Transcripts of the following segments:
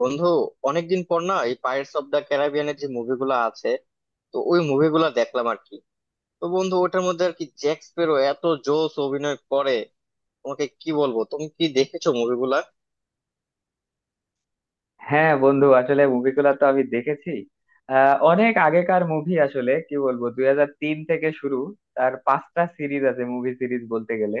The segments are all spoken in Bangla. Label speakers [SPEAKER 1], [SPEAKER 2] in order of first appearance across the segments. [SPEAKER 1] বন্ধু, অনেকদিন পর না এই পাইরেটস অফ দ্য ক্যারিবিয়ানের যে মুভিগুলো আছে, তো ওই মুভিগুলো দেখলাম আর কি। তো বন্ধু, ওটার মধ্যে আর কি জ্যাক স্প্যারো এত জোস অভিনয় করে, তোমাকে কি বলবো। তুমি কি দেখেছো মুভিগুলা?
[SPEAKER 2] হ্যাঁ বন্ধু, আসলে মুভিগুলো তো আমি দেখেছি। অনেক আগেকার মুভি, আসলে কি বলবো, 2003 থেকে শুরু। তার পাঁচটা সিরিজ আছে, মুভি সিরিজ বলতে গেলে।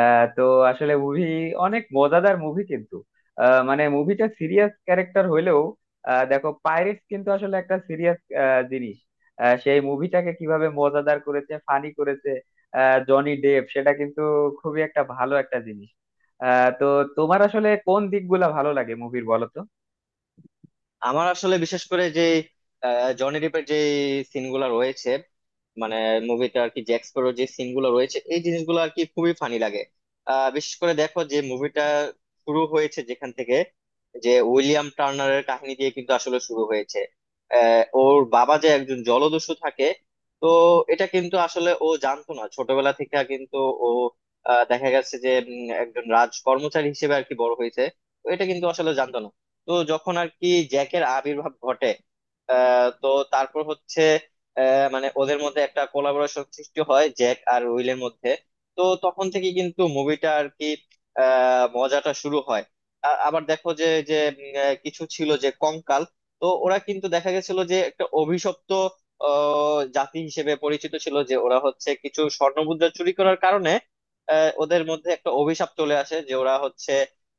[SPEAKER 2] তো আসলে মুভি অনেক মজাদার মুভি কিন্তু। মানে মুভিটা সিরিয়াস ক্যারেক্টার হইলেও, দেখো পাইরেটস কিন্তু আসলে একটা সিরিয়াস জিনিস। সেই মুভিটাকে কিভাবে মজাদার করেছে, ফানি করেছে জনি ডেভ, সেটা কিন্তু খুবই একটা ভালো একটা জিনিস। তো তোমার আসলে কোন দিকগুলা ভালো লাগে মুভির, বলো তো?
[SPEAKER 1] আমার আসলে বিশেষ করে যে জনি ডিপের যে সিনগুলো রয়েছে, মানে মুভিতে আর কি জ্যাক স্প্যারোর যে সিনগুলো রয়েছে, এই জিনিসগুলো আর কি খুবই ফানি লাগে। বিশেষ করে দেখো যে মুভিটা শুরু হয়েছে যেখান থেকে, যে উইলিয়াম টার্নারের কাহিনী দিয়ে কিন্তু আসলে শুরু হয়েছে। ওর বাবা যে একজন জলদস্যু থাকে, তো এটা কিন্তু আসলে ও জানতো না ছোটবেলা থেকে কিন্তু। ও দেখা গেছে যে একজন রাজ কর্মচারী হিসেবে আর কি বড় হয়েছে, তো এটা কিন্তু আসলে জানতো না। তো যখন আর কি জ্যাকের আবির্ভাব ঘটে, তো তারপর হচ্ছে মানে ওদের মধ্যে একটা কোলাবোরেশন সৃষ্টি হয় জ্যাক আর উইলের মধ্যে। তো তখন থেকে কিন্তু মুভিটা আর কি মজাটা শুরু হয়। আবার দেখো যে যে উম, আহ, কিছু ছিল যে কঙ্কাল। তো ওরা কিন্তু দেখা গেছিল যে একটা অভিশপ্ত জাতি হিসেবে পরিচিত ছিল, যে ওরা হচ্ছে কিছু স্বর্ণমুদ্রা চুরি করার কারণে ওদের মধ্যে একটা অভিশাপ চলে আসে, যে ওরা হচ্ছে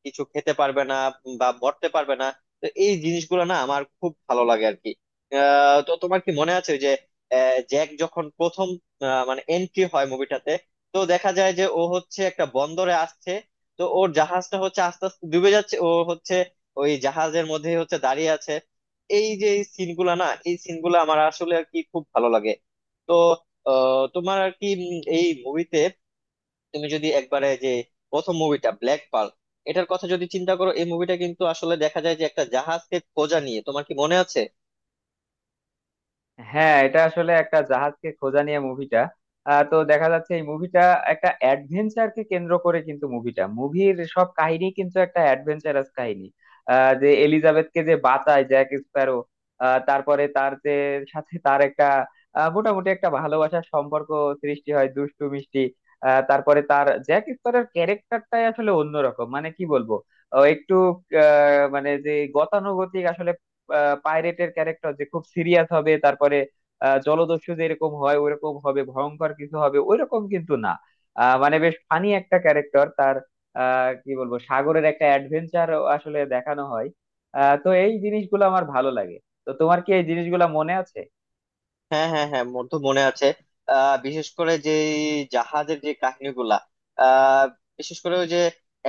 [SPEAKER 1] কিছু খেতে পারবে না বা মরতে পারবে না। তো এই জিনিসগুলো না আমার খুব ভালো লাগে আর কি। তো তোমার কি মনে আছে ওই যে জ্যাক যখন প্রথম মানে এন্ট্রি হয় মুভিটাতে, তো দেখা যায় যে ও হচ্ছে একটা বন্দরে আসছে, তো ওর জাহাজটা হচ্ছে আস্তে আস্তে ডুবে যাচ্ছে, ও হচ্ছে ওই জাহাজের মধ্যে হচ্ছে দাঁড়িয়ে আছে। এই যে সিনগুলা না, এই সিনগুলো আমার আসলে আর কি খুব ভালো লাগে। তো তোমার আর কি এই মুভিতে তুমি যদি একবারে যে প্রথম মুভিটা ব্ল্যাক পার্ল এটার কথা যদি চিন্তা করো, এই মুভিটা কিন্তু আসলে দেখা যায় যে একটা জাহাজকে খোঁজা নিয়ে, তোমার কি মনে আছে?
[SPEAKER 2] হ্যাঁ, এটা আসলে একটা জাহাজকে খোঁজা নিয়ে মুভিটা। তো দেখা যাচ্ছে এই মুভিটা একটা অ্যাডভেঞ্চারকে কেন্দ্র করে, কিন্তু মুভিটা, মুভির সব কাহিনী কিন্তু একটা অ্যাডভেঞ্চারাস কাহিনী। যে এলিজাবেথকে যে বাঁচায় জ্যাক স্প্যারো, তারপরে তার যে সাথে তার একটা মোটামুটি একটা ভালোবাসার সম্পর্ক সৃষ্টি হয়, দুষ্টু মিষ্টি। তারপরে তার জ্যাক স্প্যারোর ক্যারেক্টারটাই আসলে অন্যরকম, মানে কি বলবো, ও একটু মানে যে গতানুগতিক আসলে পাইরেটের ক্যারেক্টার যে খুব সিরিয়াস হবে, তারপরে জলদস্যু যেরকম হয় ওরকম হবে, ভয়ঙ্কর কিছু হবে ওইরকম কিন্তু না। মানে বেশ ফানি একটা ক্যারেক্টার তার। কি বলবো, সাগরের একটা অ্যাডভেঞ্চার আসলে দেখানো হয়। তো এই জিনিসগুলো আমার ভালো লাগে। তো তোমার কি এই জিনিসগুলো মনে আছে?
[SPEAKER 1] হ্যাঁ, হ্যাঁ, হ্যাঁ, মোর তো মনে আছে। বিশেষ করে যে এই জাহাজের যে কাহিনীগুলা, আহ বিশেষ করে ওই যে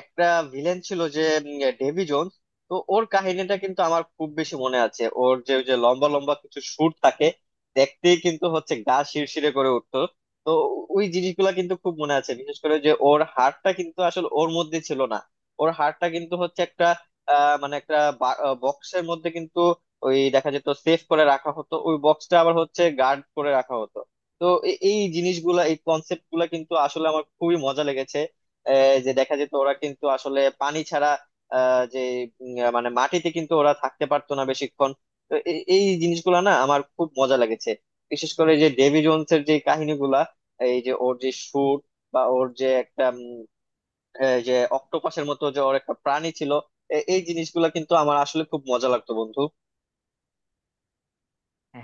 [SPEAKER 1] একটা ভিলেন ছিল যে ডেভি জোন্স। তো ওর কাহিনীটা কিন্তু আমার খুব বেশি মনে আছে। ওর যে ওই যে লম্বা লম্বা কিছু সুর থাকে, দেখতেই কিন্তু হচ্ছে গা শিরশিরে করে উঠতো। তো ওই জিনিসগুলা কিন্তু খুব মনে আছে। বিশেষ করে যে ওর হাড়টা কিন্তু আসলে ওর মধ্যে ছিল না, ওর হাড়টা কিন্তু হচ্ছে একটা মানে একটা বক্সের মধ্যে কিন্তু ওই দেখা যেত, সেফ করে রাখা হতো, ওই বক্সটা আবার হচ্ছে গার্ড করে রাখা হতো। তো এই জিনিসগুলা, এই কনসেপ্ট গুলা কিন্তু আসলে আমার খুবই মজা লেগেছে। যে দেখা যেত ওরা কিন্তু আসলে পানি ছাড়া আহ, যে উম, আহ, মানে মাটিতে কিন্তু ওরা থাকতে পারতো না বেশিক্ষণ। তো এই জিনিসগুলা না আমার খুব মজা লেগেছে। বিশেষ করে যে ডেভি জোনস এর যে কাহিনীগুলা, এই যে ওর যে শুট, বা ওর যে একটা এই যে অক্টোপাসের মতো যে ওর একটা প্রাণী ছিল। এই জিনিসগুলা কিন্তু আমার আসলে খুব মজা লাগতো বন্ধু।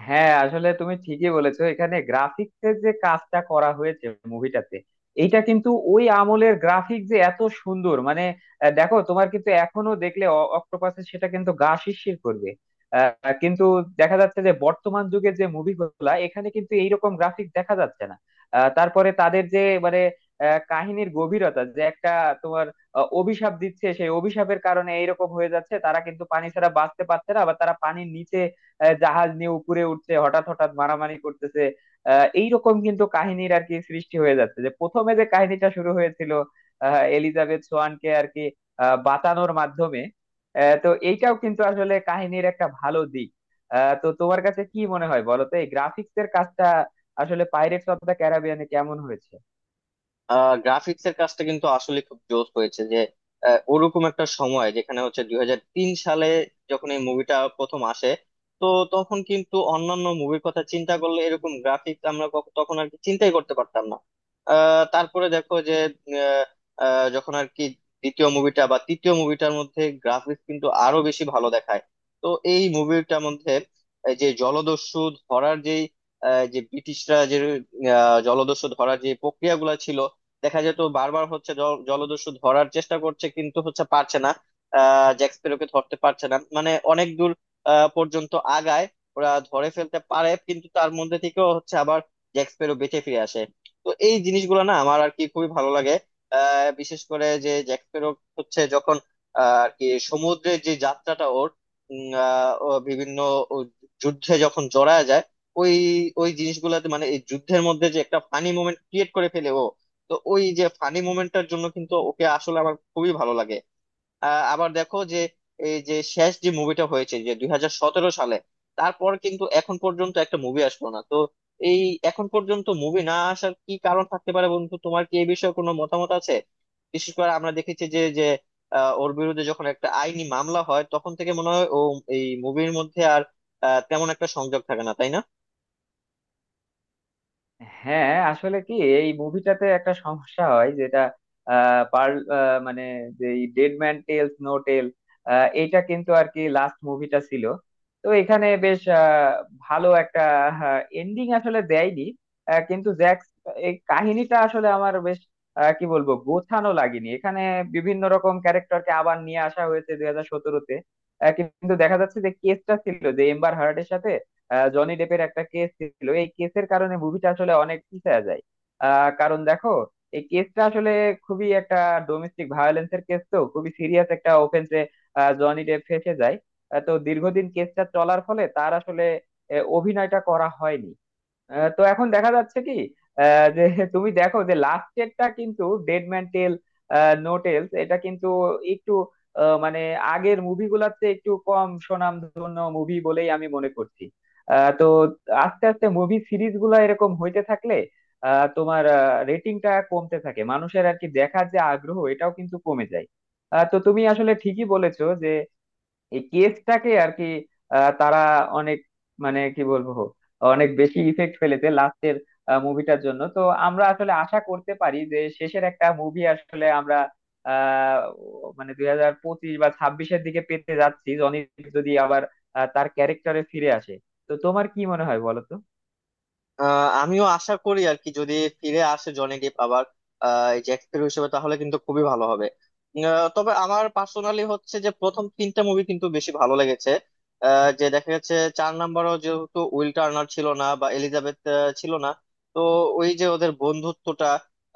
[SPEAKER 2] হ্যাঁ, আসলে তুমি ঠিকই বলেছো, এখানে গ্রাফিক্সের যে কাজটা করা হয়েছে মুভিটাতে, এইটা কিন্তু ওই আমলের গ্রাফিক যে এত সুন্দর, মানে দেখো তোমার কিন্তু এখনো দেখলে অক্টোপাসে সেটা কিন্তু গা শিরশির করবে। কিন্তু দেখা যাচ্ছে যে বর্তমান যুগের যে মুভিগুলা এখানে কিন্তু এইরকম গ্রাফিক দেখা যাচ্ছে না। তারপরে তাদের যে মানে কাহিনীর গভীরতা যে একটা তোমার অভিশাপ দিচ্ছে, সেই অভিশাপের কারণে এইরকম হয়ে যাচ্ছে, তারা কিন্তু পানি ছাড়া বাঁচতে পারছে না, আবার তারা পানির নিচে জাহাজ নিয়ে উপরে উঠছে, হঠাৎ হঠাৎ মারামারি করতেছে। এইরকম কিন্তু কাহিনীর আর কি সৃষ্টি হয়ে যাচ্ছে, যে প্রথমে যে কাহিনীটা শুরু হয়েছিল এলিজাবেথ সোয়ানকে আর কি বাঁচানোর মাধ্যমে। তো এইটাও কিন্তু আসলে কাহিনীর একটা ভালো দিক। তো তোমার কাছে কি মনে হয় বলো তো, এই গ্রাফিক্স এর কাজটা আসলে পাইরেটস অফ দ্য ক্যারিবিয়ানে কেমন হয়েছে?
[SPEAKER 1] গ্রাফিক্স এর কাজটা কিন্তু আসলে খুব জোস হয়েছে। যে ওরকম একটা সময় যেখানে হচ্ছে 2003 সালে যখন এই মুভিটা প্রথম আসে, তো তখন কিন্তু অন্যান্য মুভির কথা চিন্তা করলে এরকম গ্রাফিক্স আমরা তখন আর কি চিন্তাই করতে পারতাম না। তারপরে দেখো যে আহ, আহ, যখন আর কি দ্বিতীয় মুভিটা বা তৃতীয় মুভিটার মধ্যে গ্রাফিক্স কিন্তু আরো বেশি ভালো দেখায়। তো এই মুভিটার মধ্যে এই যে জলদস্যু ধরার যেই যে ব্রিটিশরা যে জলদস্যু ধরার যে প্রক্রিয়াগুলো ছিল, দেখা যেত বারবার হচ্ছে জলদস্যু ধরার চেষ্টা করছে কিন্তু হচ্ছে পারছে না। জ্যাক স্প্যারোকে ধরতে পারছে না, মানে অনেক দূর পর্যন্ত আগায়, ওরা ধরে ফেলতে পারে কিন্তু তার মধ্যে থেকেও হচ্ছে আবার জ্যাক স্প্যারো বেঁচে ফিরে আসে। তো এই জিনিসগুলো না আমার আর কি খুবই ভালো লাগে। বিশেষ করে যে জ্যাক স্প্যারো হচ্ছে যখন আর কি সমুদ্রের যে যাত্রাটা ওর, ও বিভিন্ন ও যুদ্ধে যখন জড়ায় যায়, ওই ওই জিনিসগুলোতে মানে এই যুদ্ধের মধ্যে যে একটা ফানি মোমেন্ট ক্রিয়েট করে ফেলে ও। তো ওই যে ফানি মোমেন্টটার জন্য কিন্তু ওকে আসলে আমার খুবই ভালো লাগে। আবার দেখো যে এই যে শেষ যে মুভিটা হয়েছে যে 2017 সালে, তারপর কিন্তু এখন পর্যন্ত একটা মুভি আসলো না তো। এই এখন পর্যন্ত মুভি না আসার কি কারণ থাকতে পারে বন্ধু? তোমার কি এই বিষয়ে কোনো মতামত আছে? বিশেষ করে আমরা দেখেছি যে যে আহ, ওর বিরুদ্ধে যখন একটা আইনি মামলা হয় তখন থেকে মনে হয় ও এই মুভির মধ্যে আর তেমন একটা সংযোগ থাকে না, তাই না?
[SPEAKER 2] হ্যাঁ, আসলে কি এই মুভিটাতে একটা সমস্যা হয়, যেটা পার্ল মানে যে dead man tells no tale, এইটা কিন্তু আর কি লাস্ট মুভিটা ছিল। তো এখানে বেশ ভালো একটা এন্ডিং আসলে দেয়নি। কিন্তু জ্যাক্স এই কাহিনীটা আসলে আমার বেশ কি বলবো, গোছানো লাগেনি এখানে। বিভিন্ন রকম ক্যারেক্টারকে আবার নিয়ে আসা হয়েছে 2017-তে, কিন্তু দেখা যাচ্ছে যে কেসটা ছিল যে এম্বার হার্ডের সাথে জনি ডেপের একটা কেস ছিল। এই কেসের কারণে মুভিটা আসলে অনেক পিছিয়ে যায়। কারণ দেখো, এই কেসটা আসলে খুবই একটা ডোমেস্টিক ভায়োলেন্স এর কেস, তো খুবই সিরিয়াস একটা অফেন্সে জনি ডেপ ফেঁসে যায়। তো দীর্ঘদিন কেসটা চলার ফলে তার আসলে অভিনয়টা করা হয়নি। তো এখন দেখা যাচ্ছে কি, যে তুমি দেখো যে লাস্ট এরটা কিন্তু dead man tell no tales এটা কিন্তু একটু মানে আগের মুভিগুলোর চেয়ে একটু কম সুনামধন্য মুভি বলেই আমি মনে করছি। তো আস্তে আস্তে মুভি সিরিজ গুলা এরকম হইতে থাকলে তোমার রেটিংটা কমতে থাকে, মানুষের আর কি দেখার যে আগ্রহ এটাও কিন্তু কমে যায়। তো তুমি আসলে ঠিকই বলেছো যে এই কেসটাকে আর কি তারা অনেক, মানে কি বলবো, অনেক বেশি ইফেক্ট ফেলেছে লাস্টের মুভিটার জন্য। তো আমরা আসলে আশা করতে পারি যে শেষের একটা মুভি আসলে আমরা আহ মানে 2025 বা 26-এর দিকে পেতে যাচ্ছি, জনি যদি আবার তার ক্যারেক্টারে ফিরে আসে। তো তোমার কি মনে হয় বলো তো?
[SPEAKER 1] আমিও আশা করি আর কি যদি ফিরে আসে জনি ডিপ আবার, এই যে অ্যাক্টর হিসেবে, তাহলে কিন্তু খুবই ভালো হবে। তবে আমার পার্সোনালি হচ্ছে যে প্রথম তিনটা মুভি কিন্তু বেশি ভালো লেগেছে। যে দেখা যাচ্ছে চার নাম্বারও যেহেতু উইল টার্নার ছিল না বা এলিজাবেথ ছিল না, তো ওই যে ওদের বন্ধুত্বটা,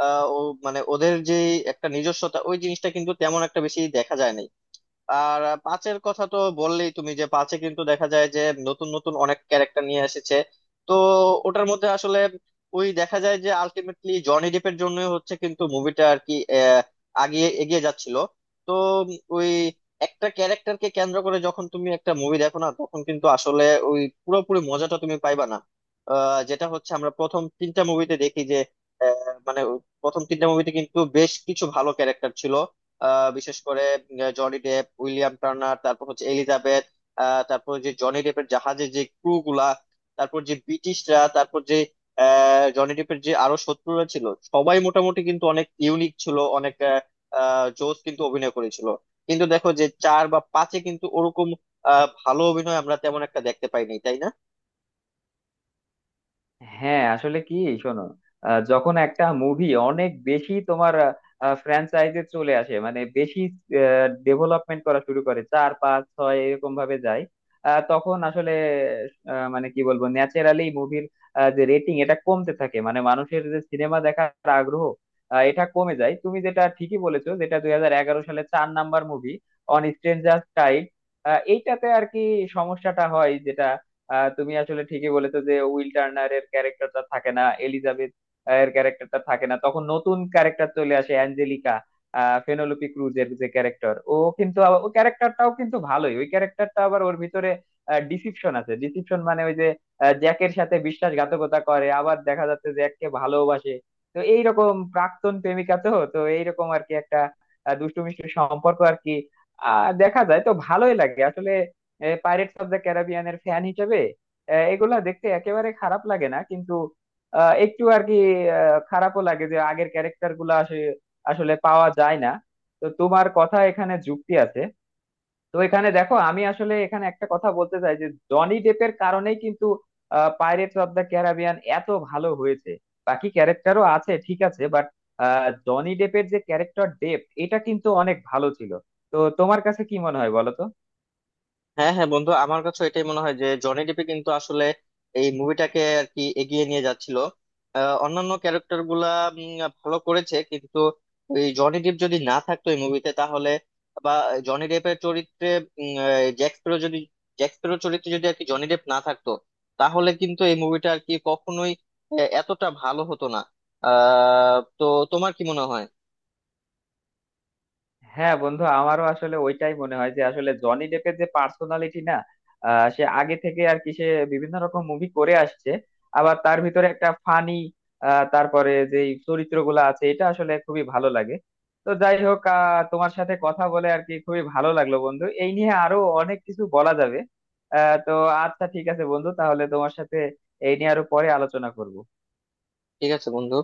[SPEAKER 1] ও মানে ওদের যে একটা নিজস্বতা, ওই জিনিসটা কিন্তু তেমন একটা বেশি দেখা যায় না। আর পাঁচের কথা তো বললেই তুমি, যে পাঁচে কিন্তু দেখা যায় যে নতুন নতুন অনেক ক্যারেক্টার নিয়ে এসেছে। তো ওটার মধ্যে আসলে ওই দেখা যায় যে আলটিমেটলি জনি ডেপের জন্য হচ্ছে কিন্তু মুভিটা আর কি আগিয়ে এগিয়ে যাচ্ছিল। তো ওই একটা ক্যারেক্টারকে কেন্দ্র করে যখন তুমি একটা মুভি দেখো না, তখন কিন্তু আসলে ওই পুরোপুরি মজাটা তুমি পাইবা না। যেটা হচ্ছে আমরা প্রথম তিনটা মুভিতে দেখি যে মানে প্রথম তিনটা মুভিতে কিন্তু বেশ কিছু ভালো ক্যারেক্টার ছিল। বিশেষ করে জনি ডেপ, উইলিয়াম টার্নার, তারপর হচ্ছে এলিজাবেথ, তারপর যে জনি ডেপের জাহাজের যে ক্রু গুলা, তারপর যে ব্রিটিশরা, তারপর যে জনি ডেপের যে আরো শত্রুরা ছিল, সবাই মোটামুটি কিন্তু অনেক ইউনিক ছিল, অনেক আহ, আহ, জোস কিন্তু অভিনয় করেছিল। কিন্তু দেখো যে চার বা পাঁচে কিন্তু ওরকম ভালো অভিনয় আমরা তেমন একটা দেখতে পাইনি, তাই না?
[SPEAKER 2] হ্যাঁ আসলে কি, শোনো যখন একটা মুভি অনেক বেশি তোমার ফ্র্যাঞ্চাইজে চলে আসে, মানে বেশি ডেভেলপমেন্ট করা শুরু করে, চার পাঁচ ছয় এরকম ভাবে যায়, তখন আসলে মানে কি বলবো, ন্যাচারালি মুভির যে রেটিং এটা কমতে থাকে, মানে মানুষের যে সিনেমা দেখার আগ্রহ এটা কমে যায়। তুমি যেটা ঠিকই বলেছো, যেটা 2011 সালে চার number movie On Stranger Tides এইটাতে আর কি সমস্যাটা হয়, যেটা তুমি আসলে ঠিকই বলেছো যে উইল টার্নারের ক্যারেক্টারটা থাকে না, এলিজাবেথ এর ক্যারেক্টারটা থাকে না, তখন নতুন ক্যারেক্টার চলে আসে অ্যাঞ্জেলিকা। ফেনোলোপি ক্রুজের যে ক্যারেক্টার, ও কিন্তু আবার- ও ক্যারেক্টারটাও কিন্তু ভালোই। ওই ক্যারেক্টারটা আবার ওর ভিতরে ডিসিপশন আছে, ডিসিপশন মানে ওই যে জ্যাকের সাথে বিশ্বাসঘাতকতা করে, আবার দেখা যাচ্ছে জ্যাককে ভালোবাসে। তো এইরকম প্রাক্তন প্রেমিকা, তো তো এইরকম আর কি একটা দুষ্টু মিষ্টি সম্পর্ক আর কি দেখা যায় তো ভালোই লাগে আসলে পাইরেটস অফ দ্য ক্যারিবিয়ানের ফ্যান হিসেবে। এগুলা দেখতে একেবারে খারাপ লাগে না কিন্তু একটু আর কি খারাপও লাগে যে আগের ক্যারেক্টার গুলা আসে- আসলে পাওয়া যায় না। তো তোমার কথা এখানে যুক্তি আছে। তো এখানে দেখো, আমি আসলে এখানে একটা কথা বলতে চাই, যে জনি ডেপের কারণেই কিন্তু পাইরেটস অফ দ্য ক্যারিবিয়ান এত ভালো হয়েছে। বাকি ক্যারেক্টারও আছে ঠিক আছে, বাট জনি ডেপের যে ক্যারেক্টার ডেপ, এটা কিন্তু অনেক ভালো ছিল। তো তোমার কাছে কি মনে হয় বলো তো?
[SPEAKER 1] হ্যাঁ, হ্যাঁ বন্ধু, আমার কাছে এটাই মনে হয় যে জনি ডিপে কিন্তু আসলে এই মুভিটাকে আর কি এগিয়ে নিয়ে যাচ্ছিল। অন্যান্য ক্যারেক্টার গুলা উম, ভালো করেছে কিন্তু এই জনি ডিপ যদি না থাকতো এই মুভিতে তাহলে, বা জনি ডেপের চরিত্রে জ্যাক স্প্যারো যদি, জ্যাক স্প্যারো চরিত্রে যদি আর কি জনি ডেপ না থাকতো, তাহলে কিন্তু এই মুভিটা আর কি কখনোই এতটা ভালো হতো না। তো তোমার কি মনে হয়?
[SPEAKER 2] হ্যাঁ বন্ধু, আমারও আসলে ওইটাই মনে হয় যে আসলে জনি ডেপের যে পার্সোনালিটি না সে আগে থেকে আর কি, সে বিভিন্ন রকম মুভি করে আসছে। আবার তার ভিতরে একটা ফানি, তারপরে যে চরিত্রগুলো আছে এটা আসলে খুবই ভালো লাগে। তো যাই হোক, তোমার সাথে কথা বলে আর কি খুবই ভালো লাগলো বন্ধু। এই নিয়ে আরো অনেক কিছু বলা যাবে। তো আচ্ছা, ঠিক আছে বন্ধু, তাহলে তোমার সাথে এই নিয়ে আরো পরে আলোচনা করব।
[SPEAKER 1] ঠিক আছে বন্ধু।